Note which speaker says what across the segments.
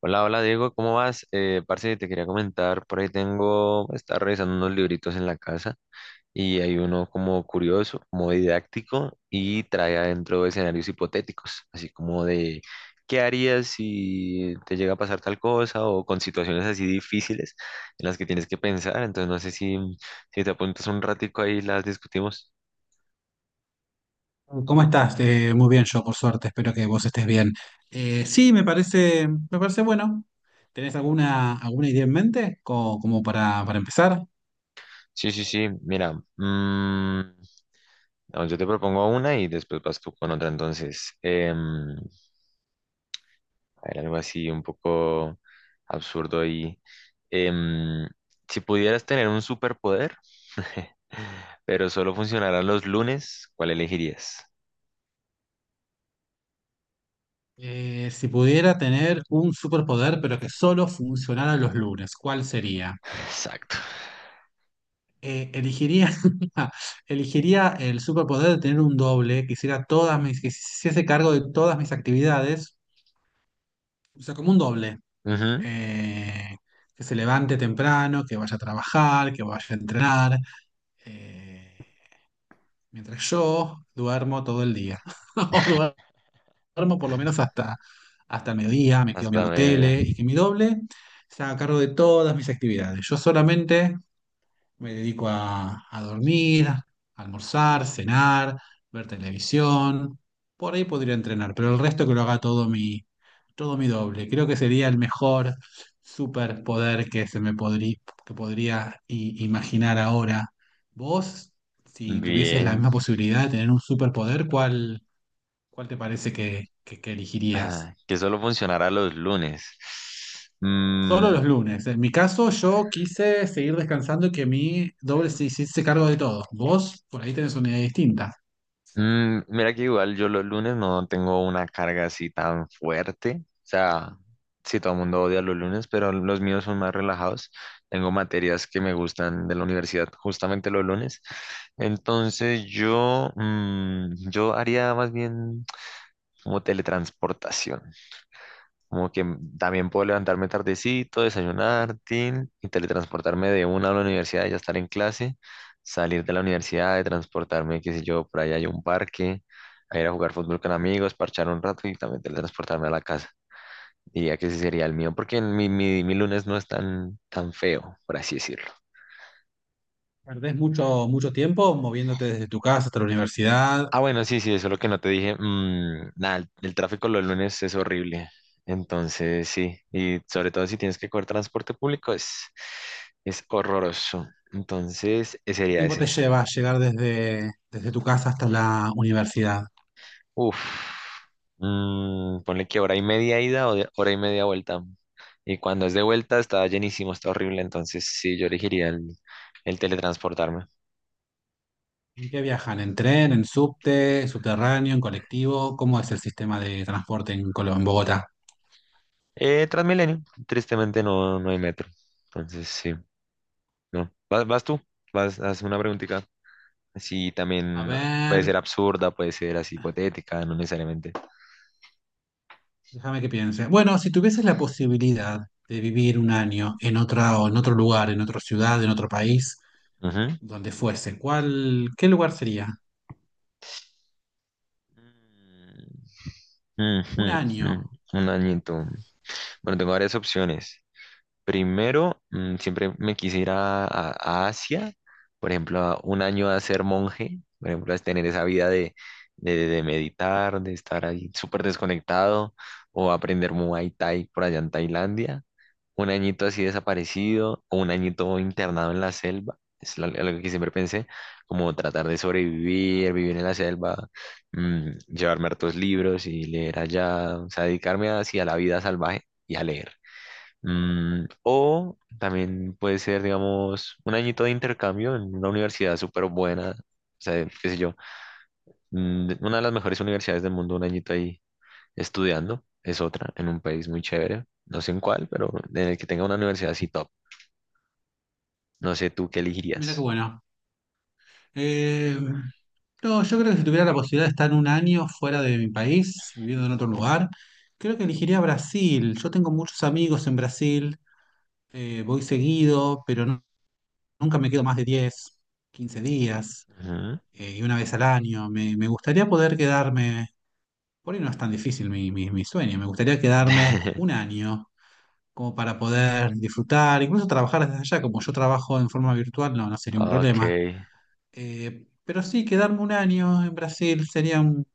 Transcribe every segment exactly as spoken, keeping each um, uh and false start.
Speaker 1: Hola, hola Diego, ¿cómo vas? Eh, parce, te quería comentar, por ahí tengo, estaba revisando unos libritos en la casa y hay uno como curioso, como didáctico y trae adentro escenarios hipotéticos, así como de qué harías si te llega a pasar tal cosa o con situaciones así difíciles en las que tienes que pensar. Entonces no sé si, si te apuntas un ratico ahí y las discutimos.
Speaker 2: ¿Cómo estás? Eh, muy bien, yo por suerte, espero que vos estés bien. Eh, sí, me parece, me parece bueno. ¿Tenés alguna, alguna idea en mente, Co- como, para, para empezar?
Speaker 1: Sí, sí, sí, mira. Mm, no, yo te propongo una y después vas tú con otra. Entonces... em, era algo así un poco absurdo ahí. Em, si pudieras tener un superpoder, pero solo funcionarán los lunes, ¿cuál elegirías?
Speaker 2: Eh, si pudiera tener un superpoder, pero que solo funcionara los lunes, ¿cuál sería?
Speaker 1: Exacto.
Speaker 2: Eh, elegiría, elegiría el superpoder de tener un doble que hiciera todas mis, que se hiciese cargo de todas mis actividades, o sea, como un doble.
Speaker 1: Ujú.
Speaker 2: Eh, que se levante temprano, que vaya a trabajar, que vaya a entrenar, eh, mientras yo duermo todo el día, o duermo por lo menos hasta, hasta el mediodía, me quedo
Speaker 1: Hasta
Speaker 2: mirando
Speaker 1: me...
Speaker 2: tele y que mi doble se haga cargo de todas mis actividades. Yo solamente me dedico a, a dormir, a almorzar, cenar, ver televisión. Por ahí podría entrenar, pero el resto que lo haga todo mi, todo mi doble. Creo que sería el mejor superpoder que se me podrí- que podría i- imaginar ahora. Vos, si tuvieses la
Speaker 1: Bien.
Speaker 2: misma posibilidad de tener un superpoder, ¿cuál, cuál te parece que, que- que elegirías?
Speaker 1: Ah, Que solo funcionará los lunes?
Speaker 2: Solo los
Speaker 1: Mm.
Speaker 2: lunes. En mi caso, yo quise seguir descansando y que mi doble se hiciese cargo de todo. Vos, por ahí tenés una idea distinta.
Speaker 1: Mm, mira que igual yo los lunes no tengo una carga así tan fuerte. O sea, sí, todo el mundo odia los lunes, pero los míos son más relajados. Tengo materias que me gustan de la universidad justamente los lunes. Entonces yo, mm, yo haría más bien como teletransportación. Como que también puedo levantarme tardecito, desayunar, tin, y teletransportarme de una a la universidad, ya estar en clase, salir de la universidad, de transportarme, qué sé yo, por ahí hay un parque, a ir a jugar fútbol con amigos, parchar un rato y también teletransportarme a la casa. Diría que ese sería el mío, porque mi, mi, mi lunes no es tan, tan feo, por así decirlo.
Speaker 2: Perdés mucho, mucho tiempo moviéndote desde tu casa hasta la universidad.
Speaker 1: Ah, bueno, sí, sí, eso es lo que no te dije. Mm, nada, el, el tráfico los lunes es horrible. Entonces, sí, y sobre todo si tienes que coger transporte público, es, es horroroso. Entonces, ese
Speaker 2: ¿Cuánto
Speaker 1: sería
Speaker 2: tiempo
Speaker 1: ese.
Speaker 2: te lleva llegar desde, desde tu casa hasta la universidad?
Speaker 1: Uf. Mm, ponle que hora y media ida o de- hora y media vuelta. Y cuando es de vuelta, está llenísimo, está horrible. Entonces, sí, yo elegiría el, el teletransportarme.
Speaker 2: ¿En qué viajan? ¿En tren, en subte, subterráneo, en colectivo? ¿Cómo es el sistema de transporte en Colo- en Bogotá?
Speaker 1: Eh, Transmilenio, tristemente no, no hay metro. Entonces, sí, no. ¿Vas, vas tú? Vas, haz una preguntita. Sí,
Speaker 2: A
Speaker 1: también puede
Speaker 2: ver,
Speaker 1: ser absurda, puede ser así hipotética, no necesariamente.
Speaker 2: déjame que piense. Bueno, si tuvieses la posibilidad de vivir un año en otra, o en otro lugar, en otra ciudad, en otro país,
Speaker 1: Ujú.
Speaker 2: donde fuese. ¿Cuál, qué lugar sería?
Speaker 1: Mm,
Speaker 2: Un
Speaker 1: mm, mm.
Speaker 2: año.
Speaker 1: Un añito. Bueno, tengo varias opciones. Primero, mm, siempre me quisiera a, a- Asia, por ejemplo, a un año a ser monje, por ejemplo, a tener esa vida de, de- de meditar, de estar ahí súper desconectado, o aprender Muay Thai por allá en Tailandia. Un añito así desaparecido o un añito internado en la selva. Es la- algo que siempre pensé, como tratar de sobrevivir, vivir en la selva. Mm, llevarme hartos libros y leer allá, o sea, dedicarme hacia la vida salvaje y a leer. Mm, o también puede ser, digamos, un añito de intercambio en una universidad súper buena, o sea, qué sé yo, mm, de- una de las mejores universidades del mundo, un añito ahí estudiando, es otra, en un país muy chévere, no sé en cuál, pero en el que tenga una universidad así top. No sé tú qué elegirías.
Speaker 2: Mira qué bueno. Eh, no, yo creo que si tuviera la posibilidad de estar un año fuera de mi país, viviendo en otro lugar, creo que elegiría Brasil. Yo tengo muchos amigos en Brasil, eh, voy seguido, pero nu- nunca me quedo más de diez quince días,
Speaker 1: Ujú.
Speaker 2: eh, y una vez al año. Me, me gustaría poder quedarme, por ahí no es tan difícil mi, mi, mi sueño, me gustaría quedarme un año como para poder disfrutar, incluso trabajar desde allá, como yo trabajo en forma virtual, no, no sería un
Speaker 1: Ok,
Speaker 2: problema. Eh, pero sí, quedarme un año en Brasil sería un,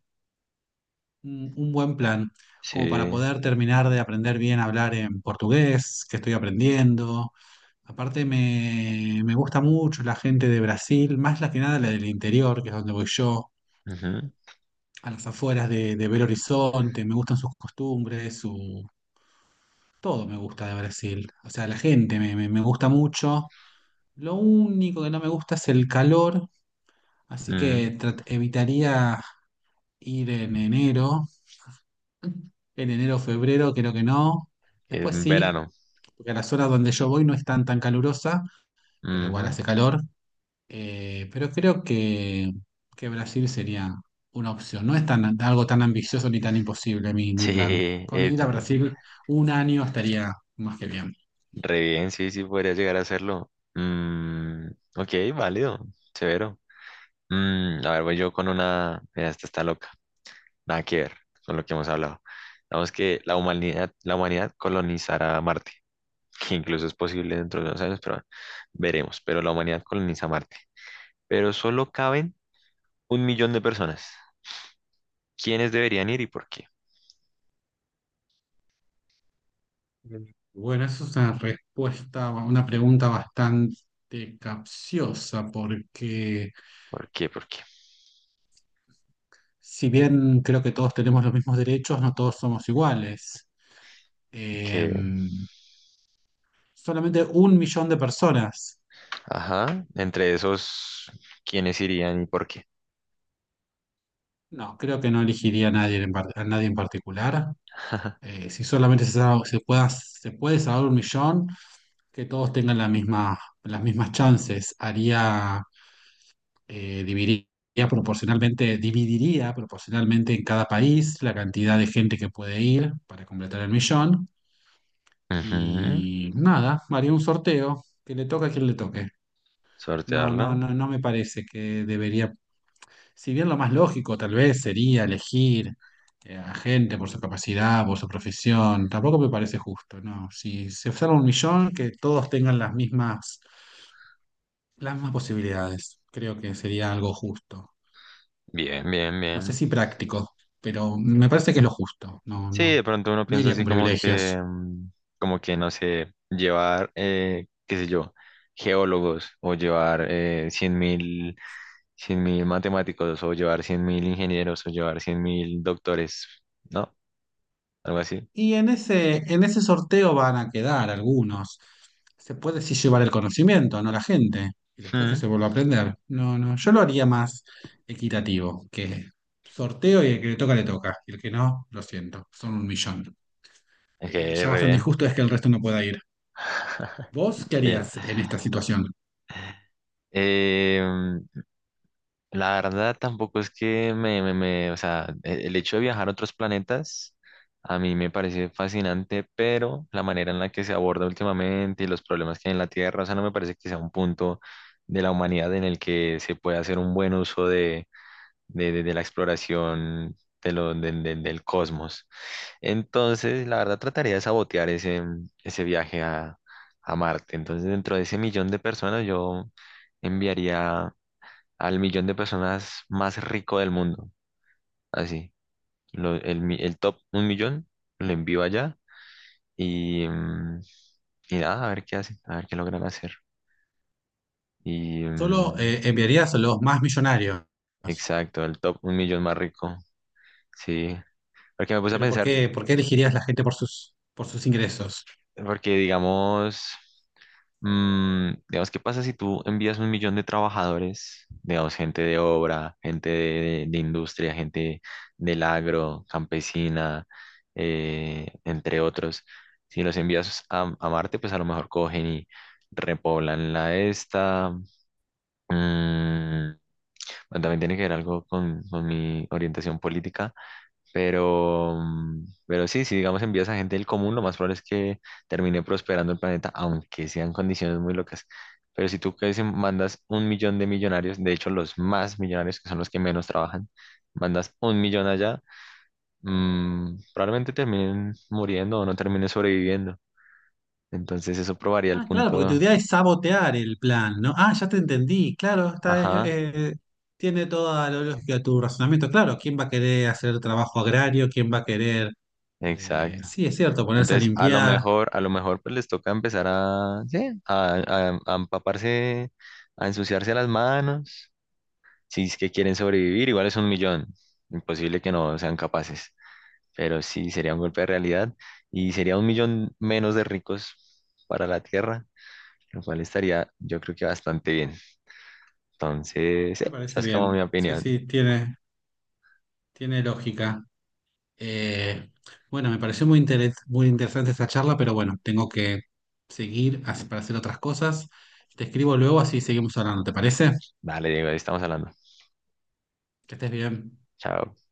Speaker 2: un- un buen plan, como para
Speaker 1: sí.
Speaker 2: poder terminar de aprender bien a hablar en portugués, que estoy aprendiendo. Aparte me, me gusta mucho la gente de Brasil, más la que nada la del interior, que es donde voy yo,
Speaker 1: Ujú.
Speaker 2: a las afueras de, de Belo Horizonte, me gustan sus costumbres, su... Todo me gusta de Brasil, o sea, la gente me, me me gusta mucho. Lo único que no me gusta es el calor, así que
Speaker 1: mm,
Speaker 2: trat- evitaría ir en enero, en enero, o febrero, creo que no. Después
Speaker 1: En
Speaker 2: sí,
Speaker 1: verano.
Speaker 2: porque a las horas donde yo voy no están tan tan calurosa, pero igual
Speaker 1: Ujú.
Speaker 2: hace calor. Eh, pero creo que, que Brasil sería una opción. No es tan, algo tan ambicioso ni tan imposible mi, mi
Speaker 1: Sí,
Speaker 2: plan. Con
Speaker 1: eh,
Speaker 2: ir a Brasil un año estaría más que bien.
Speaker 1: re bien, sí, sí, podría llegar a hacerlo. Mm, ok, válido, severo. Mm, a ver, voy yo con una. Mira, esta está loca. Nada que ver con lo que hemos hablado. Digamos que la humanidad, la humanidad colonizará Marte, que incluso es posible dentro de unos años, pero veremos. Pero la humanidad coloniza Marte. Pero solo caben un millón de personas. ¿Quiénes deberían ir y por qué?
Speaker 2: Bueno, eso es una respuesta, una pregunta bastante capciosa, porque
Speaker 1: ¿Por qué? ¿Por qué?
Speaker 2: si bien creo que todos tenemos los mismos derechos, no todos somos iguales. Eh,
Speaker 1: Que,
Speaker 2: Solamente un millón de personas.
Speaker 1: ajá, entre esos, ¿quiénes irían y por qué?
Speaker 2: No, creo que no elegiría a nadie en, par- a nadie en particular. Eh, si solamente se, sabe- se pueda, se puede salvar un millón, que todos tengan la misma- las mismas chances. Haría, eh, dividiría proporcionalmente, dividiría proporcionalmente en cada país la cantidad de gente que puede ir para completar el millón.
Speaker 1: Ujú.
Speaker 2: Y nada, haría un sorteo, que le toque a quien le toque. No, no,
Speaker 1: Sortearla.
Speaker 2: no, no me parece que debería, si bien lo más lógico tal vez sería elegir, eh, a gente por su capacidad, por su profesión, tampoco me parece justo, no. Si se observa un millón, que todos tengan las mismas, las mismas posibilidades. Creo que sería algo justo.
Speaker 1: Bien, bien,
Speaker 2: No sé
Speaker 1: bien.
Speaker 2: si práctico, pero me parece que es lo justo. No,
Speaker 1: Sí,
Speaker 2: no,
Speaker 1: de pronto uno
Speaker 2: no
Speaker 1: piensa
Speaker 2: iría
Speaker 1: así
Speaker 2: con
Speaker 1: como que,
Speaker 2: privilegios.
Speaker 1: mm, como que, no sé, llevar, eh, qué sé yo, geólogos o llevar eh, cien mil, cien mil matemáticos o llevar cien mil ingenieros o llevar cien mil doctores, ¿no? Algo así.
Speaker 2: Y en ese, en ese sorteo van a quedar algunos. Se puede sí llevar el conocimiento, no la gente, y después que
Speaker 1: Mm,
Speaker 2: se vuelva a aprender. No, no, yo lo haría más equitativo, que sorteo y el que le toca, le toca. Y el que no, lo siento, son un millón.
Speaker 1: Ok,
Speaker 2: Eh,
Speaker 1: re
Speaker 2: ya bastante
Speaker 1: bien.
Speaker 2: injusto es que el resto no pueda ir. ¿Vos qué
Speaker 1: Bien.
Speaker 2: harías en esta situación?
Speaker 1: Eh, la verdad tampoco es que me, me, me- o sea, e- el hecho de viajar a otros planetas a mí me parece fascinante, pero la manera en la que se aborda últimamente y los problemas que hay en la Tierra, o sea, no me parece que sea un punto de la humanidad en el que se pueda hacer un buen uso de, de, de- de la exploración de lo, de- de- del cosmos. Entonces, la verdad trataría de sabotear ese, ese viaje a, a Marte. Entonces, dentro de ese millón de personas, yo... enviaría al millón de personas más rico del mundo. Así, lo- el, mi- el top un millón lo envío allá. Y, mm, y nada, a ver qué hacen, a ver qué logran hacer. Y
Speaker 2: ¿Solo
Speaker 1: mm,
Speaker 2: eh, enviarías a los más millonarios?
Speaker 1: exacto, el top un millón más rico. Sí, porque me puse a
Speaker 2: Pero ¿por
Speaker 1: pensar,
Speaker 2: qué, por qué elegirías la gente por sus, por sus ingresos?
Speaker 1: porque digamos. Mm, digamos, ¿qué pasa si tú envías un millón de trabajadores, digamos, gente de obra, gente de, de industria, gente del agro, campesina, eh, entre otros? Si los envías a, a Marte, pues a lo mejor cogen y repoblan la esta. Mm, bueno, también tiene que ver algo con, con mi orientación política. Pero, mm, pero sí, si digamos envías a gente del común, lo más probable es que termine prosperando el planeta, aunque sean condiciones muy locas. Pero si tú que se- mandas un millón de millonarios, de hecho los más millonarios, que son los que menos trabajan, mandas un millón allá. Mm, probablemente terminen muriendo o no terminen sobreviviendo. Entonces eso probaría el
Speaker 2: Ah, claro, porque tu
Speaker 1: punto.
Speaker 2: idea es sabotear el plan, ¿no? Ah, ya te entendí, claro, está, eh,
Speaker 1: Ajá,
Speaker 2: eh, tiene toda la lógica tu razonamiento. Claro, ¿quién va a querer hacer trabajo agrario? ¿Quién va a querer, eh,
Speaker 1: exacto.
Speaker 2: sí, es cierto, ponerse a
Speaker 1: Entonces a lo
Speaker 2: limpiar?
Speaker 1: mejor, a lo mejor pues les toca empezar a, sí, a a- a empaparse, a ensuciarse las manos si es que quieren sobrevivir, igual es un millón. Imposible que no sean capaces. Pero sí, sería un golpe de realidad y sería un millón menos de ricos para la Tierra, lo cual estaría, yo creo que bastante bien. Entonces,
Speaker 2: Me
Speaker 1: eh, esa
Speaker 2: parece
Speaker 1: es como
Speaker 2: bien,
Speaker 1: mi
Speaker 2: sí,
Speaker 1: opinión.
Speaker 2: sí, tiene, tiene lógica. Eh, bueno, me pareció muy, interes- muy interesante esta charla, pero bueno, tengo que seguir as- para hacer otras cosas. Te escribo luego, así seguimos hablando, ¿te parece?
Speaker 1: Vale, Diego, ahí estamos hablando.
Speaker 2: Que estés bien.
Speaker 1: Chao.